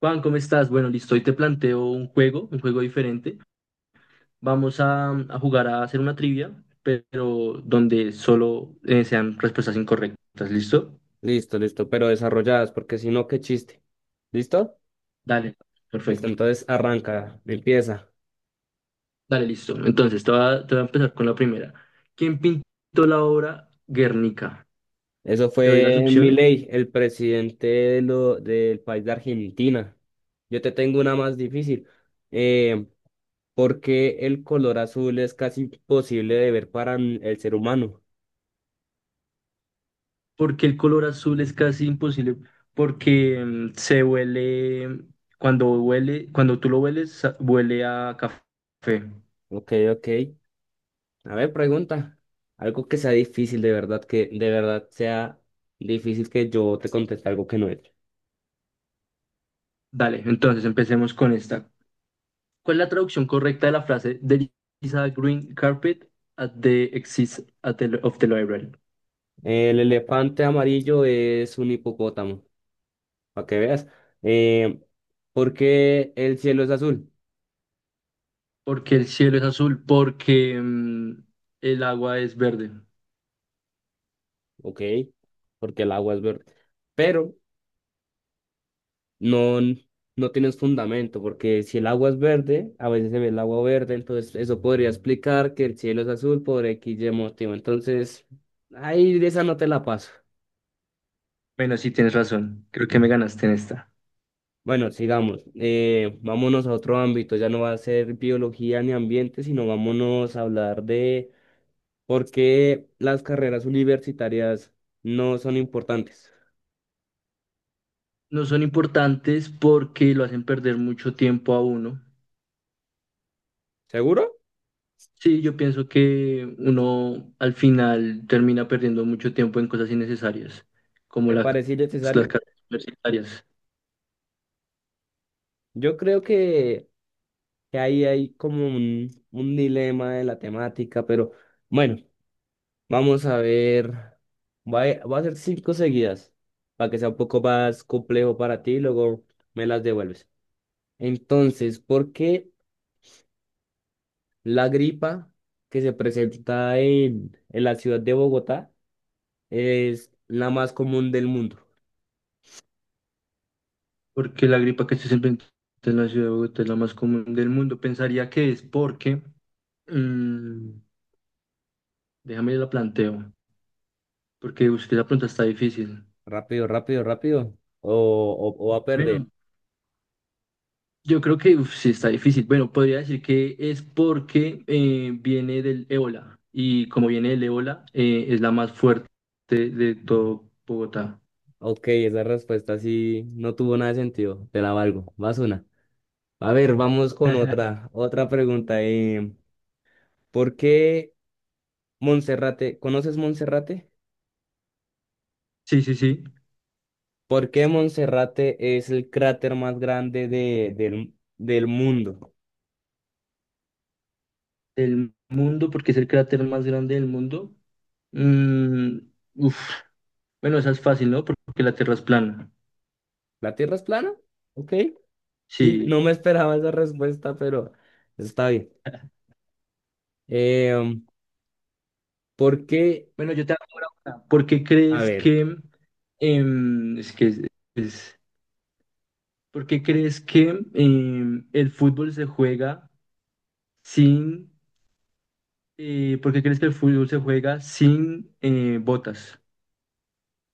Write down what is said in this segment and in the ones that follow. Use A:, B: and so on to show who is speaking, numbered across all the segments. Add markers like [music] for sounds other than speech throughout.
A: Juan, ¿cómo estás? Bueno, listo, hoy te planteo un juego diferente. Vamos a jugar a hacer una trivia, pero donde solo sean respuestas incorrectas, ¿listo?
B: Listo, listo, pero desarrolladas, porque si no, qué chiste. ¿Listo?
A: Dale,
B: Listo,
A: perfecto.
B: entonces arranca, empieza.
A: Dale, listo. Entonces, te voy a empezar con la primera. ¿Quién pintó la obra Guernica?
B: Eso
A: Te doy las
B: fue
A: opciones.
B: Milei, el presidente de lo, del país de Argentina. Yo te tengo una más difícil. Eh, ¿Por qué el color azul es casi imposible de ver para el ser humano?
A: Porque el color azul es casi imposible, porque se huele, cuando tú lo hueles, huele a café.
B: Ok, ok. A ver, pregunta. Algo que sea difícil, de verdad, que de verdad sea difícil que yo te conteste algo que no es.
A: Dale, entonces empecemos con esta. ¿Cuál es la traducción correcta de la frase There is a green carpet at the of the library?
B: El elefante amarillo es un hipopótamo. Para que veas. Eh, ¿Por qué el cielo es azul?
A: Porque el cielo es azul, porque el agua es verde.
B: Ok, porque el agua es verde. Pero no, no tienes fundamento, porque si el agua es verde, a veces se ve el agua verde, entonces eso podría explicar que el cielo es azul por X y motivo. Entonces, ahí de esa no te la paso.
A: Bueno, sí, tienes razón. Creo que me ganaste en esta.
B: Bueno, sigamos. Vámonos a otro ámbito, ya no va a ser biología ni ambiente, sino vámonos a hablar de por qué las carreras universitarias no son importantes.
A: No son importantes porque lo hacen perder mucho tiempo a uno.
B: ¿Seguro?
A: Sí, yo pienso que uno al final termina perdiendo mucho tiempo en cosas innecesarias, como
B: ¿Te parece
A: las
B: innecesario?
A: carreras universitarias.
B: Yo creo que ahí hay como un dilema de la temática, pero bueno, vamos a ver. Voy a hacer cinco seguidas para que sea un poco más complejo para ti y luego me las devuelves. Entonces, ¿por qué la gripa que se presenta en la ciudad de Bogotá es la más común del mundo?
A: Porque la gripa que se presenta en la ciudad de Bogotá es la más común del mundo. Pensaría que es porque, mm, déjame la planteo, porque usted la pregunta está difícil.
B: Rápido, rápido, rápido. O va a perder.
A: Bueno, yo creo que uf, sí está difícil. Bueno, podría decir que es porque viene del ébola y como viene del ébola, es la más fuerte de todo Bogotá.
B: Ok, esa respuesta sí no tuvo nada de sentido. Te la valgo. Vas una. A ver, vamos con otra, otra pregunta. ¿Por qué Monserrate? ¿Conoces Monserrate?
A: Sí, sí, sí.
B: ¿Por qué Monserrate es el cráter más grande de, del mundo?
A: El mundo, porque es el cráter más grande del mundo. Mm, uf. Bueno, esa es fácil, ¿no? Porque la Tierra es plana.
B: ¿La Tierra es plana? Ok. Sí,
A: Sí,
B: no me esperaba esa respuesta, pero está bien. Eh, por qué?
A: bueno, yo te hago ahora una. ¿Por qué
B: A
A: crees
B: ver.
A: que, em, es que es- ¿Por qué crees que el fútbol se juega sin, ¿por qué crees que el fútbol se juega sin botas?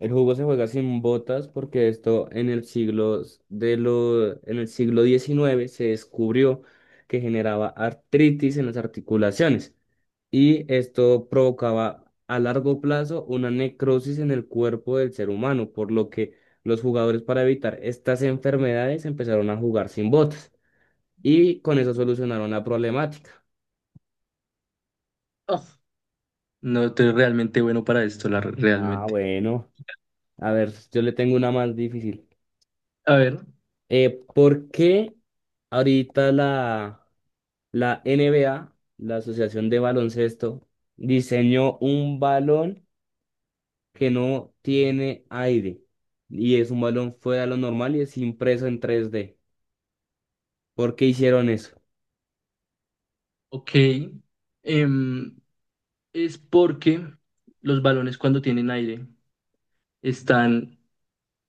B: El juego se juega sin botas porque esto en el siglo s- de lo, en el siglo XIX se descubrió que generaba artritis en las articulaciones y esto provocaba a largo plazo una necrosis en el cuerpo del ser humano, por lo que los jugadores para evitar estas enfermedades empezaron a jugar sin botas y con eso solucionaron la problemática.
A: Oh, no estoy realmente bueno para esto, la,
B: Ah,
A: realmente.
B: bueno, a ver, yo le tengo una más difícil.
A: A ver,
B: ¿Por qué ahorita la NBA, la Asociación de Baloncesto, diseñó un balón que no tiene aire y es un balón fuera de lo normal y es impreso en tres d. ¿Por qué hicieron eso?
A: ok. em, es porque los balones cuando tienen aire están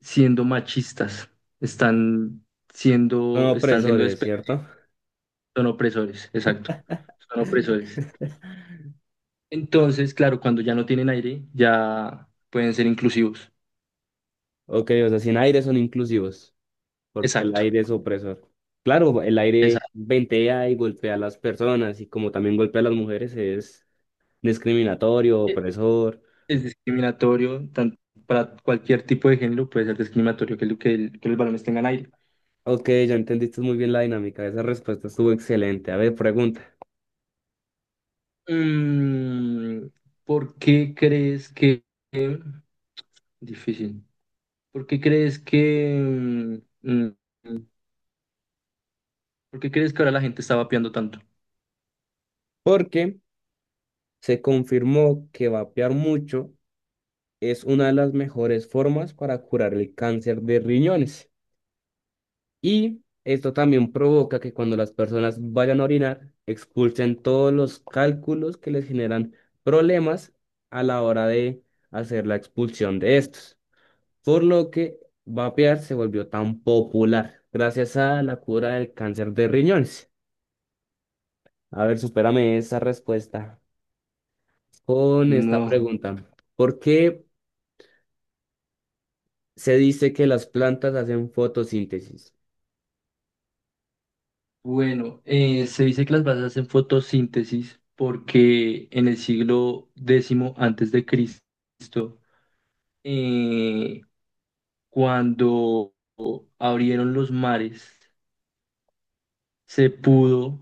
A: siendo machistas, están
B: Son
A: están siendo...
B: opresores, ¿cierto?
A: Son opresores, exacto. Son opresores.
B: [laughs]
A: Entonces, claro, cuando ya no tienen aire, ya pueden ser inclusivos.
B: Ok, o sea, sin aire son inclusivos, porque el
A: Exacto.
B: aire es opresor. Claro, el aire
A: Exacto.
B: ventea y golpea a las personas y como también golpea a las mujeres es discriminatorio, opresor.
A: Es discriminatorio, tanto para cualquier tipo de género puede ser discriminatorio que, lo- que, el- que los balones tengan aire.
B: Ok, ya entendiste muy bien la dinámica, esa respuesta estuvo excelente. A ver,
A: Mm, ¿por qué crees que... Difícil. ¿Por qué crees que... mm, mm, ¿Por qué crees que ahora la gente está vapeando tanto?
B: porque se confirmó que vapear mucho es una de las mejores formas para curar el cáncer de riñones. Y esto también provoca que cuando las personas vayan a orinar, expulsen todos los cálculos que les generan problemas a la hora de hacer la expulsión de estos. Por lo que vapear se volvió tan popular gracias a la cura del cáncer de riñones. A ver, supérame esa respuesta con esta
A: No.
B: pregunta. ¿Por qué se dice que las plantas hacen fotosíntesis?
A: Bueno, se dice que las bases hacen fotosíntesis porque en el siglo décimo antes de Cristo, eh, cuando abrieron los mares, se pudo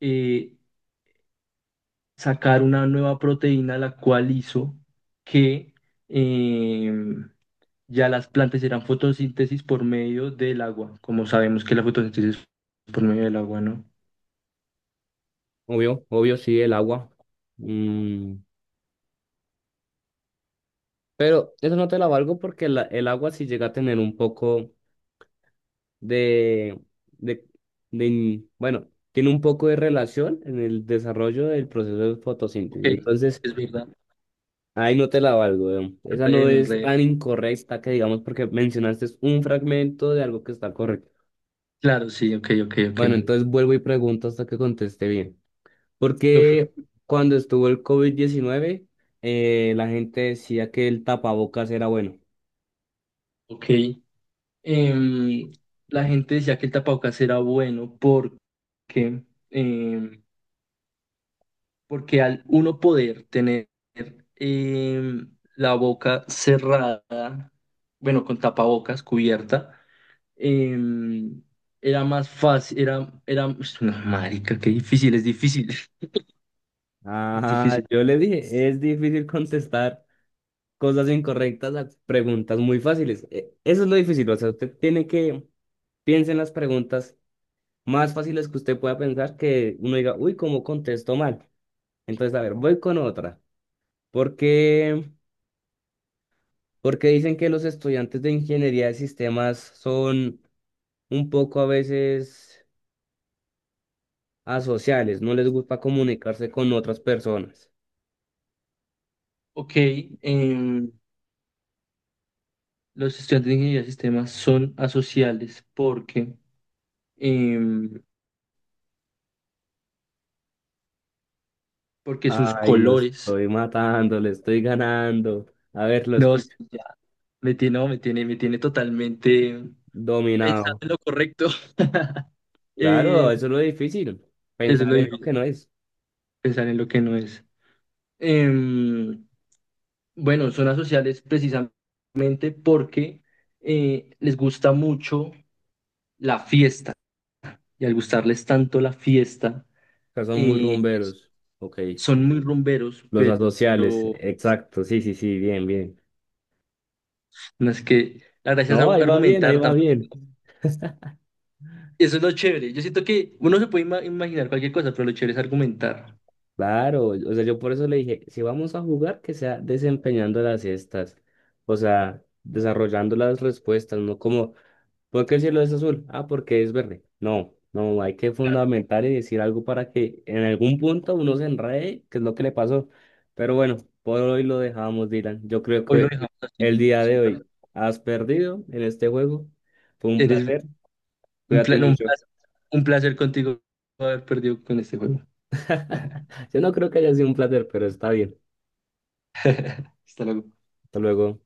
A: eh, sacar una nueva proteína, la cual hizo que eh, ya las plantas eran fotosíntesis por medio del agua, como sabemos que la fotosíntesis es por medio del agua, ¿no?
B: Obvio, obvio, sí, el agua. Mm, pero eso no te la valgo porque el agua sí llega a tener un poco de, de, de bueno, tiene un poco de relación en el desarrollo del proceso de
A: Ok,
B: fotosíntesis. Entonces,
A: es verdad.
B: ahí no te la valgo, weón. Esa no es
A: Re,
B: tan incorrecta que digamos porque mencionaste un fragmento de algo que está correcto.
A: claro, sí, ok, ok, ok.
B: Bueno, entonces vuelvo y pregunto hasta que conteste bien.
A: Uf,
B: Porque cuando estuvo el covid 19 la gente decía que el tapabocas era bueno.
A: ok. Em, la gente decía que el tapabocas era bueno porque, em, porque al uno poder tener la boca cerrada, bueno, con tapabocas cubierta, em, era más fácil, era, ush, no, marica, qué difícil, es difícil, [laughs] es
B: Ah,
A: difícil.
B: yo le dije, es difícil [laughs] contestar cosas incorrectas a preguntas muy fáciles. Eso es lo difícil, o sea, usted tiene que piense en las preguntas más fáciles que usted pueda pensar que uno diga, uy, ¿cómo contesto mal? Entonces, a ver, voy con otra. ¿Por qué? Porque dicen que los estudiantes de ingeniería de sistemas son un poco a veces asociales, no les gusta comunicarse con otras personas.
A: Ok, em, los estudiantes de ingeniería de sistemas son asociales porque... em, porque sus
B: Ay, lo
A: colores,
B: estoy matando, le estoy ganando. A ver, lo
A: no, sí,
B: escucho.
A: ya, me tiene, no, me tiene totalmente pensando
B: Dominado.
A: en lo correcto. [laughs] Eh,
B: Claro, eso es lo difícil.
A: eso es
B: Pensar
A: lo
B: en lo que
A: difícil,
B: no es.
A: pensar en lo que no es. Em, bueno, zonas sociales precisamente porque les gusta mucho la fiesta y al gustarles tanto la fiesta,
B: O sea, son muy
A: eh,
B: rumberos. Ok.
A: son muy rumberos,
B: Los
A: pero
B: asociales.
A: no,
B: Exacto. Sí, sí, sí. Bien, bien.
A: es que la gracia es
B: No, ahí va bien, ahí
A: argumentar.
B: va bien.
A: Eso es lo chévere. Yo siento que uno se puede imaginar cualquier cosa, pero lo chévere es argumentar.
B: Claro. O sea, yo por eso le dije, si vamos a jugar, que sea desempeñando las cestas. O sea, desarrollando las respuestas, no como ¿por qué el cielo es azul? Ah, porque es verde. No, no, hay que fundamentar y decir algo para que en algún punto uno se enrede, que es lo que le pasó. Pero bueno, por hoy lo dejamos, Dylan. Yo creo
A: Hoy lo
B: que
A: dejamos así.
B: el día de hoy has perdido en este juego. Fue un
A: Eres
B: placer.
A: un
B: Cuídate
A: no,
B: mucho.
A: un placer contigo haber perdido con este juego.
B: [laughs] Yo no creo que haya sido un placer, pero está bien.
A: [laughs] Hasta luego.
B: Hasta luego.